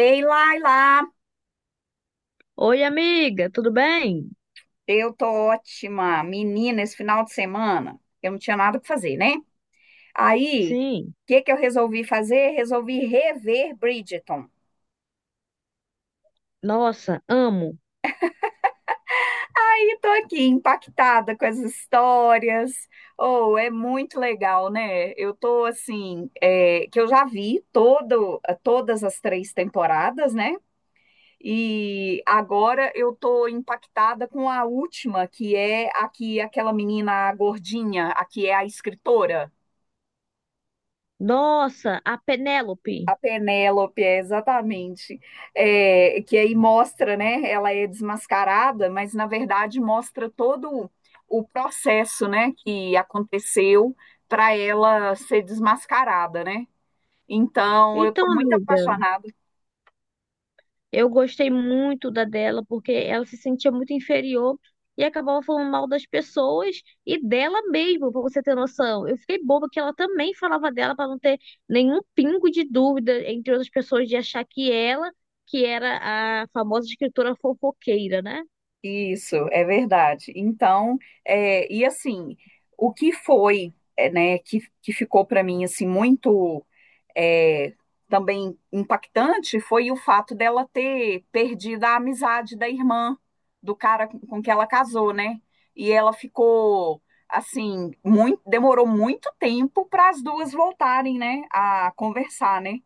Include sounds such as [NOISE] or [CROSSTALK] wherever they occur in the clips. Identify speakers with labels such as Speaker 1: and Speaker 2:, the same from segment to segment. Speaker 1: Ei, Laila,
Speaker 2: Oi, amiga, tudo bem?
Speaker 1: eu tô ótima. Menina, esse final de semana eu não tinha nada pra fazer, né? Aí,
Speaker 2: Sim.
Speaker 1: o que que eu resolvi fazer? Resolvi rever Bridgerton.
Speaker 2: Nossa, amo.
Speaker 1: E tô aqui impactada com as histórias. Oh, é muito legal, né? Eu tô assim, que eu já vi todas as três temporadas, né? E agora eu tô impactada com a última, que é aqui aquela menina gordinha, a que é a escritora.
Speaker 2: Nossa, a Penélope.
Speaker 1: A Penélope, exatamente. Que aí mostra, né? Ela é desmascarada, mas na verdade mostra todo o processo, né? Que aconteceu para ela ser desmascarada, né? Então, eu estou
Speaker 2: Então,
Speaker 1: muito
Speaker 2: amiga,
Speaker 1: apaixonada.
Speaker 2: eu gostei muito da dela porque ela se sentia muito inferior e acabava falando mal das pessoas e dela mesma, pra você ter noção. Eu fiquei boba que ela também falava dela pra não ter nenhum pingo de dúvida entre outras pessoas de achar que era a famosa escritora fofoqueira, né?
Speaker 1: Isso, é verdade. Então, e assim, o que foi, né? Que ficou para mim assim muito é, também impactante foi o fato dela ter perdido a amizade da irmã do cara com que ela casou, né? E ela ficou assim, muito, demorou muito tempo para as duas voltarem, né, a conversar, né?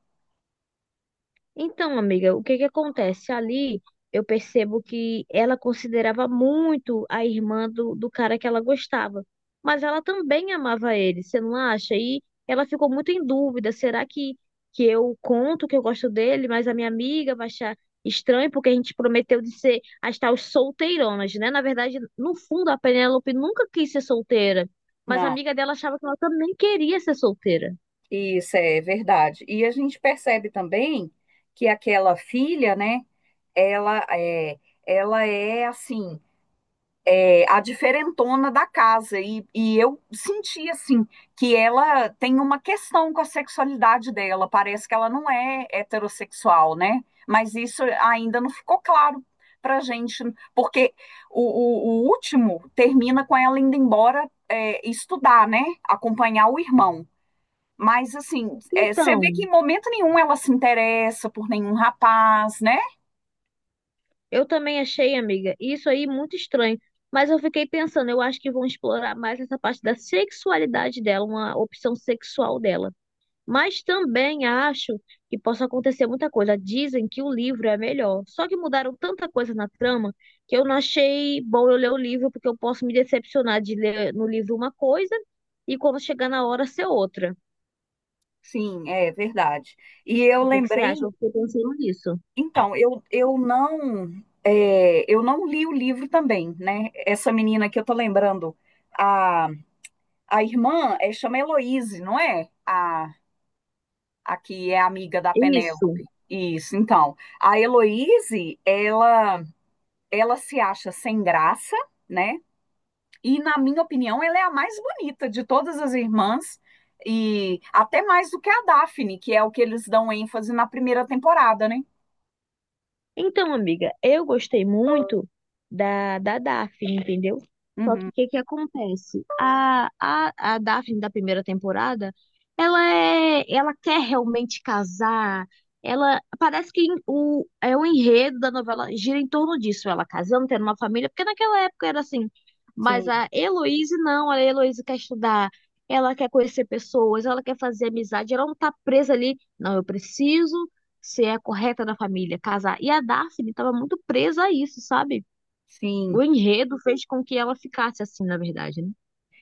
Speaker 2: Então, amiga, o que que acontece? Ali eu percebo que ela considerava muito a irmã do cara que ela gostava, mas ela também amava ele, você não acha? E ela ficou muito em dúvida: será que eu conto que eu gosto dele, mas a minha amiga vai achar estranho porque a gente prometeu de ser as tais solteironas, né? Na verdade, no fundo, a Penélope nunca quis ser solteira, mas a
Speaker 1: Não,
Speaker 2: amiga dela achava que ela também queria ser solteira.
Speaker 1: isso é verdade. E a gente percebe também que aquela filha, né, ela é, ela é assim, a diferentona da casa. E eu senti, assim, que ela tem uma questão com a sexualidade dela. Parece que ela não é heterossexual, né? Mas isso ainda não ficou claro pra gente, porque o, o último termina com ela indo embora estudar, né? Acompanhar o irmão. Mas, assim, você vê
Speaker 2: Então,
Speaker 1: que em momento nenhum ela se interessa por nenhum rapaz, né?
Speaker 2: eu também achei, amiga, isso aí muito estranho. Mas eu fiquei pensando, eu acho que vão explorar mais essa parte da sexualidade dela, uma opção sexual dela. Mas também acho que possa acontecer muita coisa. Dizem que o livro é melhor. Só que mudaram tanta coisa na trama que eu não achei bom eu ler o livro, porque eu posso me decepcionar de ler no livro uma coisa e quando chegar na hora ser outra.
Speaker 1: Sim, é verdade. E eu
Speaker 2: O que que você
Speaker 1: lembrei.
Speaker 2: acha? Eu fiquei pensando nisso.
Speaker 1: Então, eu não li o livro também, né? Essa menina que eu tô lembrando, a, a irmã chama Heloíse, não é? A que é amiga da
Speaker 2: Isso.
Speaker 1: Penélope. Isso, então. A Heloíse, ela se acha sem graça, né? E, na minha opinião, ela é a mais bonita de todas as irmãs, e até mais do que a Daphne, que é o que eles dão ênfase na primeira temporada, né?
Speaker 2: Então, amiga, eu gostei muito da Daphne, entendeu? Só
Speaker 1: Uhum,
Speaker 2: que o que que acontece? A Daphne da primeira temporada, ela quer realmente casar. Ela parece que é o enredo da novela gira em torno disso, ela casando, tendo uma família, porque naquela época era assim. Mas
Speaker 1: sim,
Speaker 2: a Heloísa não, a Heloísa quer estudar, ela quer conhecer pessoas, ela quer fazer amizade, ela não tá presa ali. Não, eu preciso se é correta na família, casar. E a Daphne estava muito presa a isso, sabe? O
Speaker 1: sim.
Speaker 2: enredo fez com que ela ficasse assim, na verdade, né?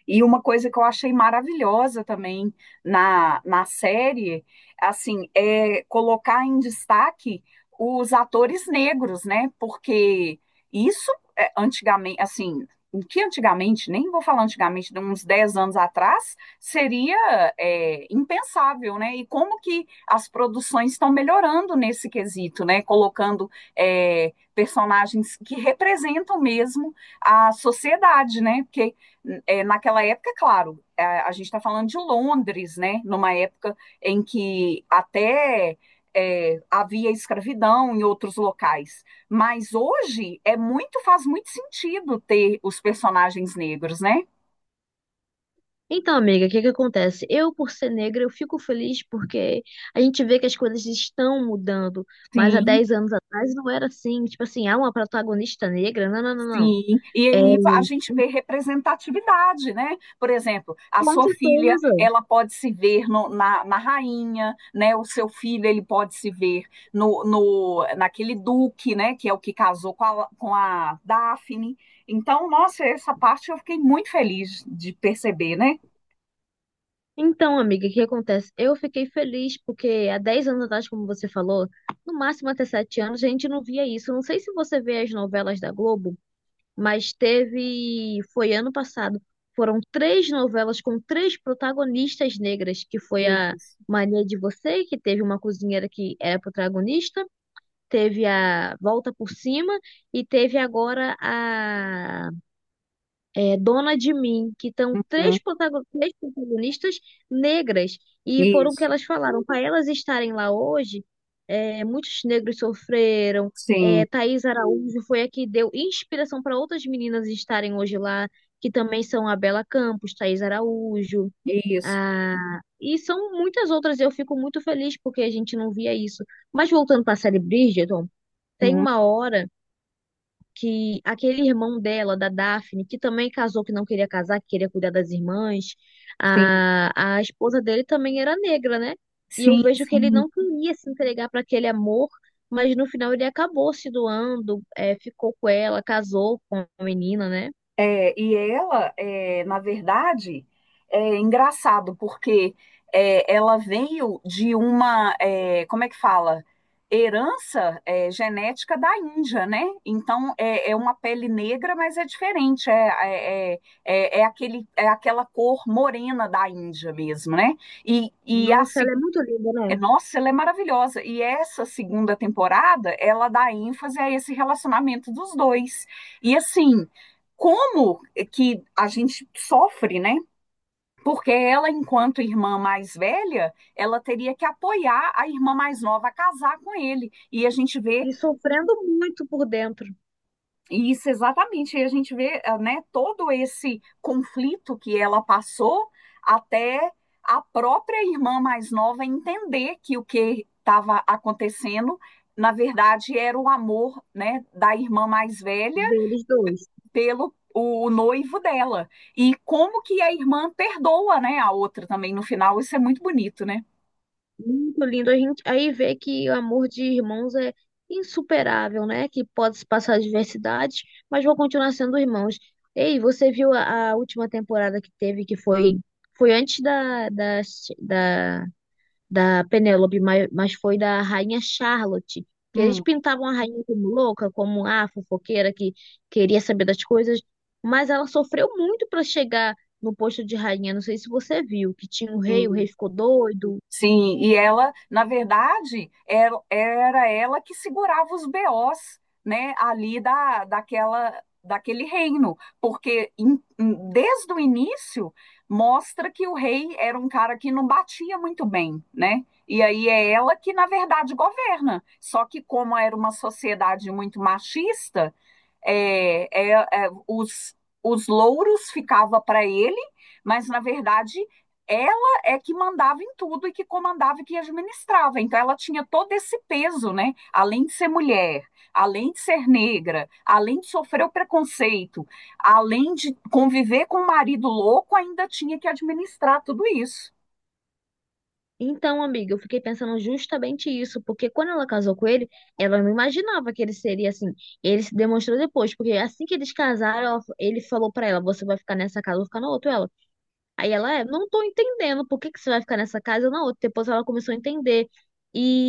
Speaker 1: E uma coisa que eu achei maravilhosa também na série, assim, é colocar em destaque os atores negros, né? Porque isso antigamente, assim, o que antigamente, nem vou falar antigamente, de uns 10 anos atrás, seria impensável, né? E como que as produções estão melhorando nesse quesito, né? Colocando personagens que representam mesmo a sociedade, né? Porque naquela época, claro, a gente está falando de Londres, né? Numa época em que até havia escravidão em outros locais. Mas hoje é muito, faz muito sentido ter os personagens negros, né?
Speaker 2: Então, amiga, o que que acontece? Eu, por ser negra, eu fico feliz porque a gente vê que as coisas estão mudando, mas há
Speaker 1: Sim.
Speaker 2: 10 anos atrás não era assim. Tipo assim, ah, uma protagonista negra? Não, não, não, não.
Speaker 1: Sim, e
Speaker 2: É,
Speaker 1: aí a gente vê representatividade, né? Por exemplo, a
Speaker 2: com
Speaker 1: sua filha,
Speaker 2: certeza.
Speaker 1: ela pode se ver na rainha, né? O seu filho, ele pode se ver no, no naquele duque, né? Que é o que casou com a Daphne. Então, nossa, essa parte eu fiquei muito feliz de perceber, né?
Speaker 2: Então, amiga, o que acontece? Eu fiquei feliz porque há 10 anos atrás, como você falou, no máximo até 7 anos, a gente não via isso. Não sei se você vê as novelas da Globo, mas teve. Foi ano passado. Foram três novelas com três protagonistas negras, que foi a
Speaker 1: Isso,
Speaker 2: Mania de Você, que teve uma cozinheira que era protagonista, teve a Volta por Cima e teve agora Dona de Mim, que estão
Speaker 1: uhum,
Speaker 2: três protagonistas negras, e foram o que
Speaker 1: isso,
Speaker 2: elas falaram. Para elas estarem lá hoje, muitos negros sofreram.
Speaker 1: sim,
Speaker 2: É, Thaís Araújo foi a que deu inspiração para outras meninas estarem hoje lá, que também são a Bela Campos, Thaís Araújo,
Speaker 1: isso,
Speaker 2: a... e são muitas outras. Eu fico muito feliz porque a gente não via isso. Mas voltando para a série Bridgerton, tem
Speaker 1: uhum,
Speaker 2: uma hora que aquele irmão dela, da Daphne, que também casou, que não queria casar, que queria cuidar das irmãs,
Speaker 1: sim,
Speaker 2: a esposa dele também era negra, né? E eu
Speaker 1: sim,
Speaker 2: vejo que ele
Speaker 1: sim.
Speaker 2: não queria se entregar para aquele amor, mas no final ele acabou se doando, é, ficou com ela, casou com a menina, né?
Speaker 1: E ela, na verdade, é engraçado, porque ela veio de uma, como é que fala? Herança genética da Índia, né? Então é uma pele negra, mas é diferente, é aquela cor morena da Índia mesmo, né? E
Speaker 2: Nossa,
Speaker 1: assim
Speaker 2: ela é muito linda, né?
Speaker 1: nossa, ela é maravilhosa. E essa segunda temporada, ela dá ênfase a esse relacionamento dos dois. E assim, como é que a gente sofre, né? Porque ela, enquanto irmã mais velha, ela teria que apoiar a irmã mais nova a casar com ele. E a gente vê
Speaker 2: E sofrendo muito por dentro
Speaker 1: Isso, exatamente. E a gente vê, né, todo esse conflito que ela passou até a própria irmã mais nova entender que o que estava acontecendo, na verdade, era o amor, né, da irmã mais velha
Speaker 2: deles dois.
Speaker 1: pelo o noivo dela. E como que a irmã perdoa, né, a outra também no final. Isso é muito bonito, né?
Speaker 2: Muito lindo. A gente aí vê que o amor de irmãos é insuperável, né? Que pode se passar adversidades, mas vão continuar sendo irmãos. Ei, você viu a última temporada que teve, que foi antes da, da Penélope, mas foi da Rainha Charlotte. Que eles
Speaker 1: Hum,
Speaker 2: pintavam a rainha como louca, como a fofoqueira que queria saber das coisas, mas ela sofreu muito para chegar no posto de rainha. Não sei se você viu, que tinha o
Speaker 1: sim.
Speaker 2: rei ficou doido.
Speaker 1: Sim, e ela, na verdade, era ela que segurava os BOs, né, ali daquele reino, porque desde o início mostra que o rei era um cara que não batia muito bem, né? E aí é ela que, na verdade, governa. Só que como era uma sociedade muito machista, é, é, é, os, os louros ficava para ele, mas na verdade ela é que mandava em tudo e que comandava e que administrava. Então ela tinha todo esse peso, né? Além de ser mulher, além de ser negra, além de sofrer o preconceito, além de conviver com um marido louco, ainda tinha que administrar tudo isso.
Speaker 2: Então, amiga, eu fiquei pensando justamente isso, porque quando ela casou com ele, ela não imaginava que ele seria assim. Ele se demonstrou depois, porque assim que eles casaram, ele falou pra ela: Você vai ficar nessa casa, eu vou ficar na outra. Ela, não tô entendendo por que que você vai ficar nessa casa ou na outra. Depois ela começou a entender.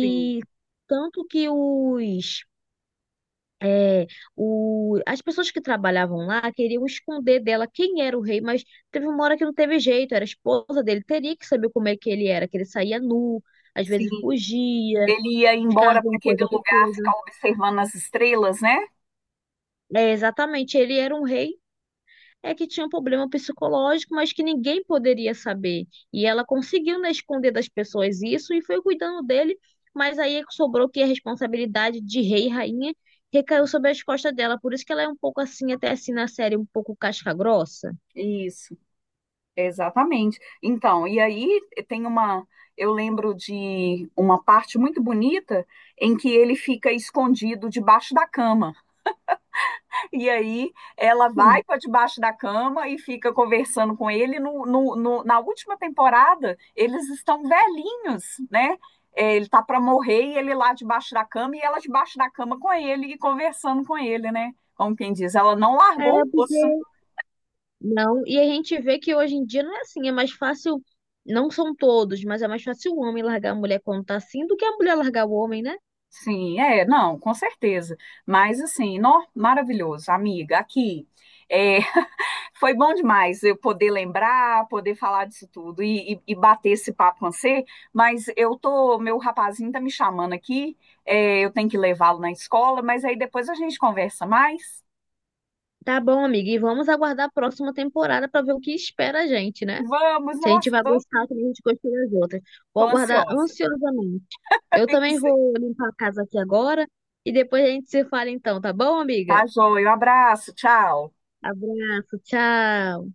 Speaker 1: Sim,
Speaker 2: tanto que é, as pessoas que trabalhavam lá queriam esconder dela quem era o rei, mas teve uma hora que não teve jeito, era a esposa dele, teria que saber como é que ele era, que ele saía nu, às
Speaker 1: sim.
Speaker 2: vezes fugia,
Speaker 1: Ele ia
Speaker 2: ficava
Speaker 1: embora para
Speaker 2: com
Speaker 1: aquele
Speaker 2: coisa com
Speaker 1: lugar
Speaker 2: coisa.
Speaker 1: ficar observando as estrelas, né?
Speaker 2: É, exatamente, ele era um rei, é que tinha um problema psicológico, mas que ninguém poderia saber. E ela conseguiu, né, esconder das pessoas isso e foi cuidando dele, mas aí sobrou que a responsabilidade de rei e rainha recaiu sobre as costas dela. Por isso que ela é um pouco assim, até assim na série, um pouco casca-grossa.
Speaker 1: Isso. Exatamente. Então, e aí tem uma. Eu lembro de uma parte muito bonita em que ele fica escondido debaixo da cama. E aí ela vai para debaixo da cama e fica conversando com ele. Na última temporada, eles estão velhinhos, né? Ele tá para morrer e ele lá debaixo da cama e ela debaixo da cama com ele e conversando com ele, né? Como quem diz, ela não
Speaker 2: É,
Speaker 1: largou o osso.
Speaker 2: porque Não, e a gente vê que hoje em dia não é assim, é mais fácil, não são todos, mas é mais fácil o homem largar a mulher quando tá assim do que a mulher largar o homem, né?
Speaker 1: Sim, não, com certeza. Mas assim, nó, maravilhoso, amiga, aqui. É, [LAUGHS] foi bom demais eu poder lembrar, poder falar disso tudo e bater esse papo com você, mas eu tô, meu rapazinho tá me chamando aqui, eu tenho que levá-lo na escola, mas aí depois a gente conversa mais.
Speaker 2: Tá bom, amiga, e vamos aguardar a próxima temporada pra ver o que espera a gente, né?
Speaker 1: Vamos,
Speaker 2: Se a gente
Speaker 1: nossa,
Speaker 2: vai
Speaker 1: tô,
Speaker 2: gostar, também a gente gostou das outras.
Speaker 1: tô
Speaker 2: Vou aguardar
Speaker 1: ansiosa.
Speaker 2: ansiosamente. Eu também vou
Speaker 1: [LAUGHS]
Speaker 2: limpar a casa aqui agora e depois a gente se fala então, tá bom,
Speaker 1: Tá
Speaker 2: amiga?
Speaker 1: joia, um abraço, tchau.
Speaker 2: Abraço, tchau.